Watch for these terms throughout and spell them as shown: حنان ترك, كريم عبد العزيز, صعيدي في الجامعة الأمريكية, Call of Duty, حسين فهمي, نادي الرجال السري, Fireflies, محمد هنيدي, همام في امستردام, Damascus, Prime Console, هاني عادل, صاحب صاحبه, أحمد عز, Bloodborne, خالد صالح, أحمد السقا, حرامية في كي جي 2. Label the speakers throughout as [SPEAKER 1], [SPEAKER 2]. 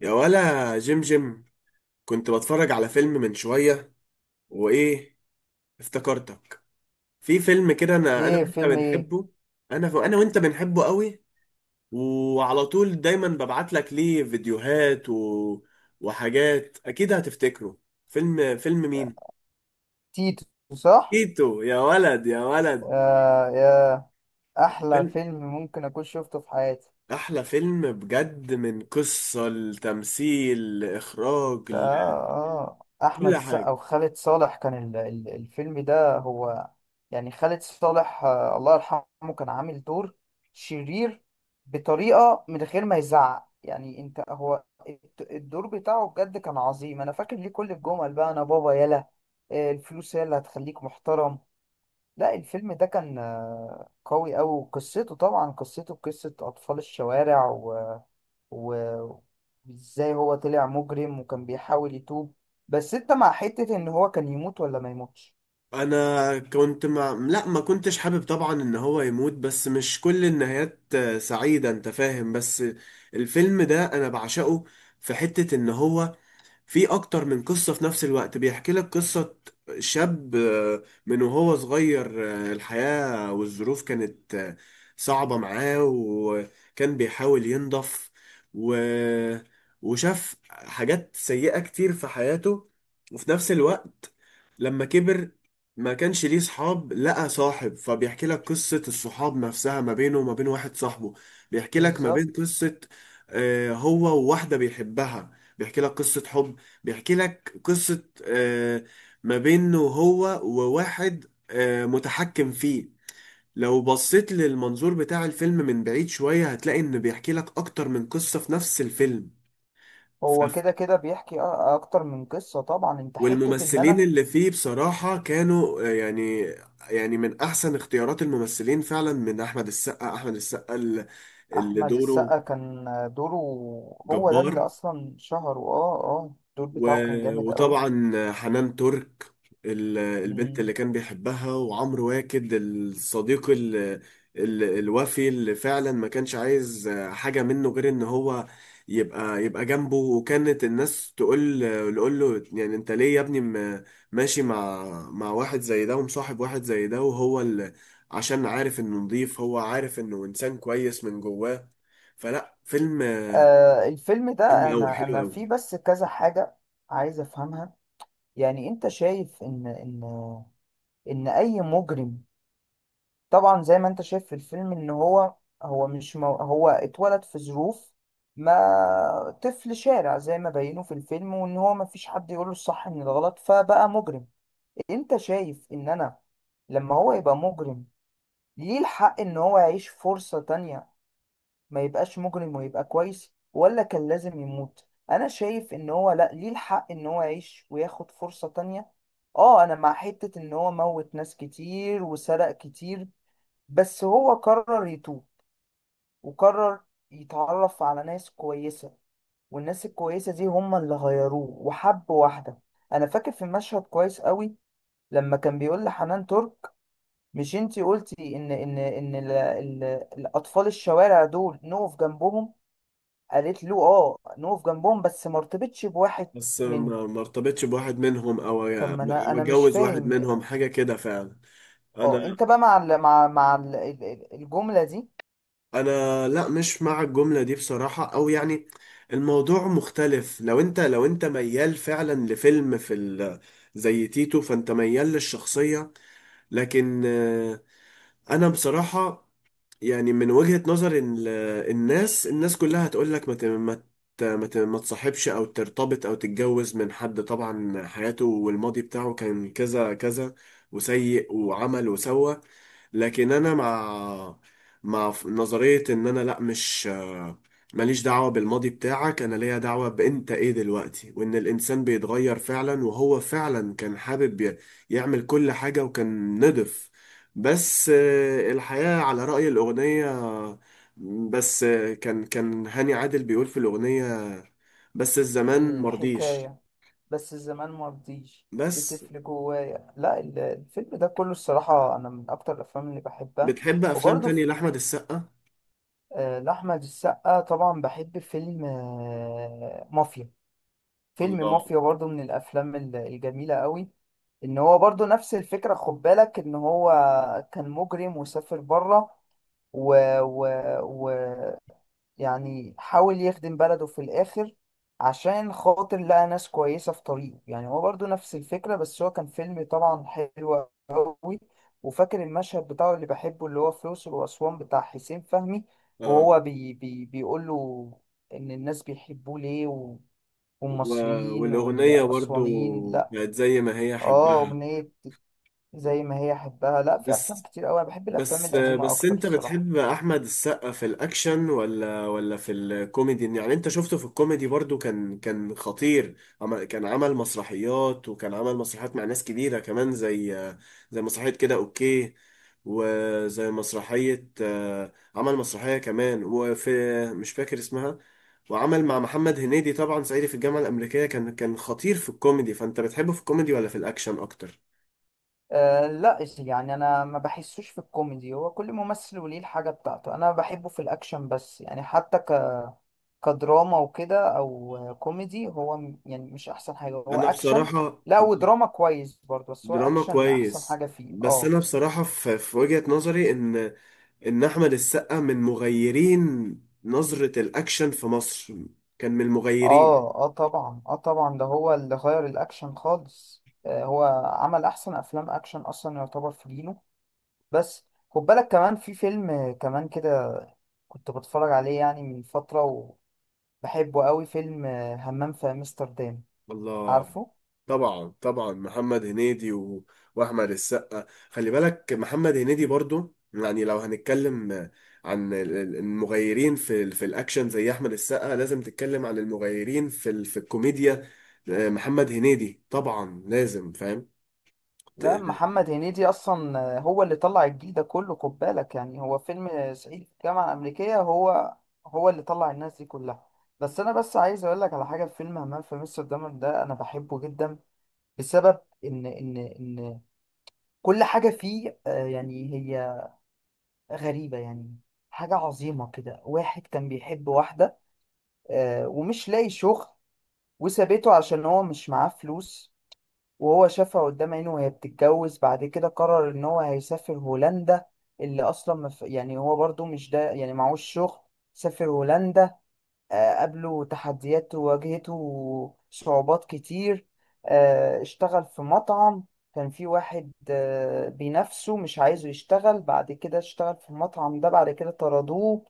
[SPEAKER 1] يا ولا جيم جيم، كنت بتفرج على فيلم من شوية وإيه، افتكرتك في فيلم كده أنا
[SPEAKER 2] ايه
[SPEAKER 1] وأنت
[SPEAKER 2] فيلم ايه؟
[SPEAKER 1] بنحبه. أنا وأنت بنحبه قوي، وعلى طول دايما ببعت لك ليه فيديوهات وحاجات أكيد هتفتكره. فيلم مين؟
[SPEAKER 2] تيتو. صح.
[SPEAKER 1] تيتو، يا ولد يا ولد.
[SPEAKER 2] آه، احلى
[SPEAKER 1] فيلم،
[SPEAKER 2] فيلم ممكن اكون شفته في حياتي.
[SPEAKER 1] أحلى فيلم بجد، من قصة لتمثيل لإخراج
[SPEAKER 2] ده
[SPEAKER 1] لكل
[SPEAKER 2] احمد السقا
[SPEAKER 1] حاجة.
[SPEAKER 2] وخالد صالح، كان الفيلم ده هو. يعني خالد صالح، الله يرحمه، كان عامل دور شرير بطريقة من غير ما يزعق. يعني انت، هو الدور بتاعه بجد كان عظيم. انا فاكر ليه كل الجمل بقى: انا بابا، يلا. الفلوس هي اللي هتخليك محترم. لا، الفيلم ده كان قوي أوي، وقصته، طبعا، قصته قصة أطفال الشوارع، و... وإزاي هو طلع مجرم وكان بيحاول يتوب. بس أنت مع حتة إن هو كان يموت ولا ما يموتش؟
[SPEAKER 1] انا كنت مع، لا ما كنتش حابب طبعا ان هو يموت، بس مش كل النهايات سعيدة، انت فاهم. بس الفيلم ده انا بعشقه. في حتة ان هو في اكتر من قصة في نفس الوقت. بيحكي لك قصة شاب من وهو صغير، الحياة والظروف كانت صعبة معاه، وكان بيحاول ينضف و... وشاف حاجات سيئة كتير في حياته. وفي نفس الوقت لما كبر ما كانش ليه صحاب، لقى صاحب، فبيحكي لك قصة الصحاب نفسها ما بينه وما بين واحد صاحبه. بيحكي لك ما
[SPEAKER 2] بالظبط.
[SPEAKER 1] بين قصة هو وواحدة بيحبها، بيحكي لك قصة حب، بيحكي لك قصة ما بينه هو وواحد متحكم فيه. لو بصيت للمنظور بتاع الفيلم من بعيد شوية هتلاقي إنه بيحكي لك أكتر من قصة في نفس الفيلم.
[SPEAKER 2] هو
[SPEAKER 1] ف-
[SPEAKER 2] كده كده بيحكي أكتر من قصة، طبعا. أنت حتة إن
[SPEAKER 1] والممثلين
[SPEAKER 2] أنا.
[SPEAKER 1] اللي فيه بصراحة كانوا يعني، يعني من أحسن اختيارات الممثلين فعلا، من أحمد السقا. أحمد السقا اللي
[SPEAKER 2] أحمد
[SPEAKER 1] دوره
[SPEAKER 2] السقا كان، دوره. هو ده اللي
[SPEAKER 1] جبار.
[SPEAKER 2] أصلا شهره. أه أه الدور بتاعه كان جامد أوي.
[SPEAKER 1] وطبعا حنان ترك، البنت اللي
[SPEAKER 2] مم.
[SPEAKER 1] كان بيحبها، وعمرو واكد الصديق ال الوفي اللي فعلا ما كانش عايز حاجة منه غير ان هو يبقى جنبه. وكانت الناس تقول له يعني انت ليه يا ابني ماشي مع واحد زي ده، ومصاحب واحد زي ده، وهو اللي، عشان عارف انه نضيف، هو عارف انه انسان كويس من جواه. فيلم،
[SPEAKER 2] آه، الفيلم
[SPEAKER 1] فيلم
[SPEAKER 2] ده،
[SPEAKER 1] قوي
[SPEAKER 2] أنا
[SPEAKER 1] حلو
[SPEAKER 2] أنا فيه
[SPEAKER 1] قوي.
[SPEAKER 2] بس كذا حاجة عايز أفهمها. يعني انت شايف ان اي مجرم، طبعا، زي ما انت شايف في الفيلم، ان هو، هو مش مو هو اتولد في ظروف، ما طفل شارع زي ما بينوا في الفيلم، وان هو ما فيش حد يقوله الصح من الغلط فبقى مجرم. انت شايف ان انا، لما هو يبقى مجرم، ليه الحق ان هو يعيش فرصة تانية، ما يبقاش مجرم ويبقى كويس، ولا كان لازم يموت؟ انا شايف ان هو، لا، ليه الحق ان هو يعيش وياخد فرصة تانية. اه، انا مع حتة ان هو موت ناس كتير وسرق كتير، بس هو قرر يتوب، وقرر يتعرف على ناس كويسة، والناس الكويسة دي هم اللي غيروه، وحب واحدة. انا فاكر في مشهد كويس قوي، لما كان بيقول لحنان ترك: مش انتي قلتي ان الاطفال الشوارع دول نقف جنبهم؟ قالت له: اه، نقف جنبهم بس ما ارتبطش بواحد
[SPEAKER 1] بس
[SPEAKER 2] منهم.
[SPEAKER 1] ما ارتبطش بواحد منهم او
[SPEAKER 2] طب
[SPEAKER 1] أو
[SPEAKER 2] ما انا مش
[SPEAKER 1] اتجوز واحد
[SPEAKER 2] فاهم يعني.
[SPEAKER 1] منهم، حاجه كده فعلا.
[SPEAKER 2] اه،
[SPEAKER 1] انا
[SPEAKER 2] انت بقى مع ال مع مع ال ال- الجملة دي.
[SPEAKER 1] انا لا مش مع الجمله دي بصراحه، او يعني الموضوع مختلف. لو انت، لو انت ميال فعلا لفيلم في زي تيتو، فانت ميال للشخصيه. لكن انا بصراحه يعني من وجهة نظر الناس، الناس كلها هتقول لك ما تصاحبش او ترتبط او تتجوز من حد طبعا حياته والماضي بتاعه كان كذا كذا وسيء، وعمل وسوى. لكن انا مع، مع نظرية ان انا لا، مش ماليش دعوة بالماضي بتاعك، انا ليا دعوة بانت ايه دلوقتي، وان الانسان بيتغير فعلا، وهو فعلا كان حابب يعمل كل حاجة وكان نضف. بس الحياة على رأي الأغنية. بس كان كان هاني عادل بيقول في الأغنية بس الزمان مرضيش.
[SPEAKER 2] الحكاية بس الزمان ما رضيش
[SPEAKER 1] بس
[SPEAKER 2] بتفل جوايا. لا، الفيلم ده كله الصراحة، انا من اكتر الافلام اللي بحبها.
[SPEAKER 1] بتحب أفلام
[SPEAKER 2] وبرضه
[SPEAKER 1] تانية
[SPEAKER 2] في،
[SPEAKER 1] لأحمد السقا؟
[SPEAKER 2] لأحمد السقا طبعا، بحب فيلم مافيا. فيلم
[SPEAKER 1] الله.
[SPEAKER 2] مافيا برضو من الافلام الجميله قوي. ان هو برضو نفس الفكره، خد بالك، ان هو كان مجرم وسافر بره، و... و... و يعني حاول يخدم بلده في الاخر عشان خاطر لقى ناس كويسه في طريقه. يعني هو برضو نفس الفكره، بس هو كان فيلم طبعا حلو قوي. وفاكر المشهد بتاعه اللي بحبه، اللي هو في الأقصر وأسوان، بتاع حسين فهمي،
[SPEAKER 1] آه.
[SPEAKER 2] وهو بيقول له ان الناس بيحبوه ليه،
[SPEAKER 1] و-
[SPEAKER 2] والمصريين
[SPEAKER 1] والأغنية برضو
[SPEAKER 2] والأسوانيين، لا.
[SPEAKER 1] بقت زي ما هي،
[SPEAKER 2] اه،
[SPEAKER 1] حبها.
[SPEAKER 2] أغنية زي ما هي أحبها. لا، في أفلام
[SPEAKER 1] بس
[SPEAKER 2] كتير أوي، أنا بحب الأفلام
[SPEAKER 1] بس
[SPEAKER 2] القديمة
[SPEAKER 1] بس
[SPEAKER 2] أكتر
[SPEAKER 1] انت
[SPEAKER 2] الصراحة.
[SPEAKER 1] بتحب احمد السقا في الاكشن ولا ولا في الكوميدي؟ يعني انت شفته في الكوميدي برضو كان كان خطير. كان عمل مسرحيات، وكان عمل مسرحيات مع ناس كبيرة كمان، زي زي مسرحية كده اوكي، وزي مسرحية عمل مسرحية كمان وفي، مش فاكر اسمها، وعمل مع محمد هنيدي طبعا صعيدي في الجامعة الأمريكية. كان كان خطير في الكوميدي، فأنت بتحبه في الكوميدي ولا في الأكشن أكتر؟
[SPEAKER 2] أه، لا يعني، أنا ما بحسوش في الكوميدي. هو كل ممثل وليه الحاجة بتاعته. أنا بحبه في الأكشن بس، يعني حتى كدراما وكده أو كوميدي، هو يعني مش أحسن حاجة، هو
[SPEAKER 1] أنا
[SPEAKER 2] أكشن.
[SPEAKER 1] بصراحة
[SPEAKER 2] لا، ودراما كويس برضه، بس هو
[SPEAKER 1] دراما
[SPEAKER 2] أكشن أحسن
[SPEAKER 1] كويس.
[SPEAKER 2] حاجة فيه.
[SPEAKER 1] بس
[SPEAKER 2] اه.
[SPEAKER 1] انا بصراحة في، في وجهة نظري ان ان احمد السقا من مغيرين نظرة الاكشن في مصر، كان من المغيرين.
[SPEAKER 2] اه، طبعا، اه طبعا، ده هو اللي غير الاكشن خالص. هو عمل احسن افلام اكشن، اصلا يعتبر في جيله. بس خد بالك كمان، في فيلم كمان كده كنت بتفرج عليه يعني من فترة، وبحبه قوي، فيلم همام في امستردام.
[SPEAKER 1] الله.
[SPEAKER 2] عارفه؟
[SPEAKER 1] طبعا طبعا محمد هنيدي واحمد السقا. خلي بالك محمد هنيدي برضو، يعني لو هنتكلم عن المغيرين في في الاكشن زي احمد السقا، لازم تتكلم عن المغيرين في في الكوميديا. محمد هنيدي طبعا لازم،
[SPEAKER 2] لا،
[SPEAKER 1] فاهم.
[SPEAKER 2] محمد هنيدي اصلا هو اللي طلع الجيل ده كله. خد بالك، يعني هو فيلم صعيدي في الجامعة الامريكية، هو اللي طلع الناس دي كلها. بس انا بس عايز اقول لك على حاجه، في فيلم همام في امستردام ده، انا بحبه جدا. السبب ان كل حاجه فيه، يعني، هي غريبه يعني، حاجه عظيمه كده. واحد كان بيحب واحده، ومش لاقي شغل، وسابته عشان هو مش معاه فلوس، وهو شافها قدام عينه وهي بتتجوز. بعد كده قرر ان هو هيسافر هولندا، اللي اصلا يعني هو برضو مش ده، يعني معهوش شغل. سافر هولندا، قابله تحديات وواجهته صعوبات كتير. اشتغل في مطعم، كان في واحد بينافسه مش عايزه يشتغل. بعد كده اشتغل في المطعم ده، بعد كده طردوه.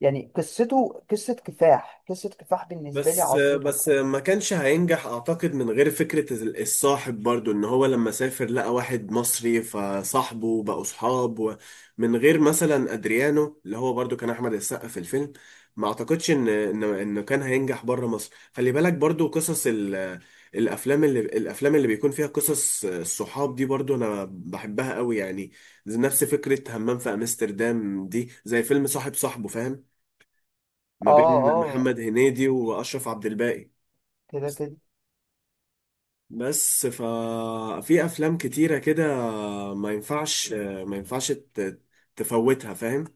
[SPEAKER 2] يعني قصته قصة كفاح، قصة كفاح بالنسبة لي
[SPEAKER 1] بس
[SPEAKER 2] عظيمة.
[SPEAKER 1] بس ما كانش هينجح اعتقد من غير فكرة الصاحب برضو. ان هو لما سافر لقى واحد مصري فصاحبه، بقوا صحاب. من غير مثلا ادريانو، اللي هو برضو كان احمد السقا في الفيلم، ما اعتقدش ان ان انه كان هينجح بره مصر. خلي بالك برضو قصص الافلام الافلام اللي بيكون فيها قصص الصحاب دي برضو انا بحبها قوي يعني. زي نفس فكرة همام في امستردام دي، زي فيلم صاحب صاحبه، فاهم، ما
[SPEAKER 2] اه،
[SPEAKER 1] بين
[SPEAKER 2] اه،
[SPEAKER 1] محمد هنيدي واشرف عبد الباقي.
[SPEAKER 2] كده كده
[SPEAKER 1] بس ففي افلام كتيرة كده ما ينفعش، ما ينفعش تفوتها، فاهم.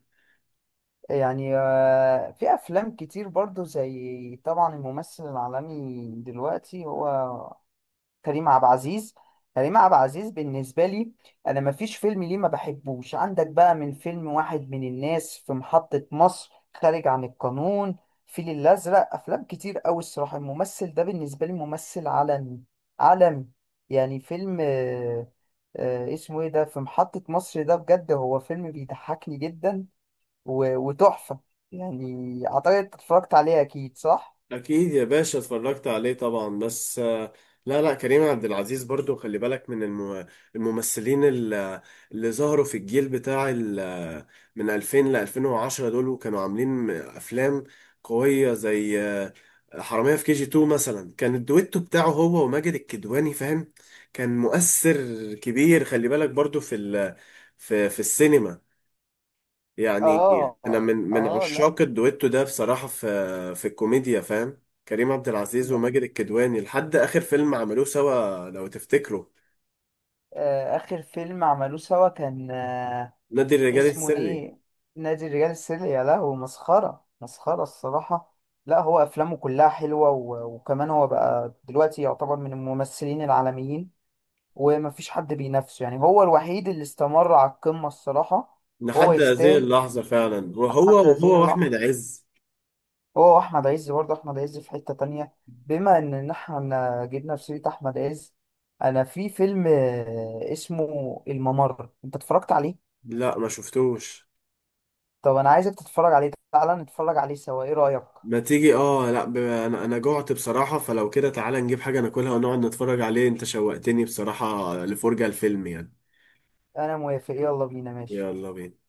[SPEAKER 2] يعني. في أفلام كتير برضو، زي طبعا الممثل العالمي دلوقتي، هو كريم عبد العزيز. كريم عبد العزيز بالنسبة لي، أنا مفيش فيلم ليه ما بحبوش. عندك بقى من فيلم واحد من الناس، في محطة مصر، خارج عن القانون، فيل الأزرق. أفلام كتير أوي الصراحة، الممثل ده بالنسبة لي ممثل عالمي، عالمي يعني. فيلم اسمه إيه ده، في محطة مصر ده، بجد هو فيلم بيضحكني جدا و- وتحفة يعني. أعتقد اتفرجت عليه أكيد، صح؟
[SPEAKER 1] اكيد يا باشا اتفرجت عليه طبعا، بس لا لا، كريم عبد العزيز برضو خلي بالك، من الممثلين اللي ظهروا في الجيل بتاع من 2000 ل 2010، دول وكانوا عاملين افلام قوية زي حرامية في كي جي 2 مثلا. كان الدويتو بتاعه هو وماجد الكدواني، فاهم، كان مؤثر كبير. خلي بالك برضو في في في السينما يعني.
[SPEAKER 2] آه،
[SPEAKER 1] انا من من
[SPEAKER 2] آه، لا.
[SPEAKER 1] عشاق الدويتو ده بصراحه في في الكوميديا، فاهم. كريم عبد العزيز وماجد الكدواني لحد اخر فيلم عملوه سوا لو تفتكروا،
[SPEAKER 2] آخر فيلم عملوه سوا كان،
[SPEAKER 1] نادي الرجال
[SPEAKER 2] اسمه
[SPEAKER 1] السري.
[SPEAKER 2] إيه؟ نادي الرجال السري. يا لهوي، مسخرة، مسخرة الصراحة. لا، هو أفلامه كلها حلوة، و- وكمان هو بقى دلوقتي يعتبر من الممثلين العالميين، ومفيش حد بينافسه. يعني هو الوحيد اللي استمر على القمة الصراحة. وهو
[SPEAKER 1] لحد هذه
[SPEAKER 2] يستاهل
[SPEAKER 1] اللحظه فعلا، وهو،
[SPEAKER 2] حتى هذه
[SPEAKER 1] وهو واحمد
[SPEAKER 2] اللحظة.
[SPEAKER 1] عز.
[SPEAKER 2] هو وأحمد عز برضه، أحمد عز في حتة تانية. بما إن إحنا جبنا في سيرة أحمد عز، أنا في فيلم اسمه الممر، أنت اتفرجت عليه؟
[SPEAKER 1] لا ما شفتوش.
[SPEAKER 2] طب انا عايزك تتفرج عليه، تعالى نتفرج عليه سوا، ايه رأيك؟
[SPEAKER 1] ما تيجي، اه لا ب...، انا انا جوعت بصراحه، فلو كده تعالى نجيب حاجه ناكلها ونقعد نتفرج عليه. انت شوقتني بصراحه لفرجه الفيلم يعني.
[SPEAKER 2] انا موافق، يلا بينا، ماشي.
[SPEAKER 1] يلا بينا.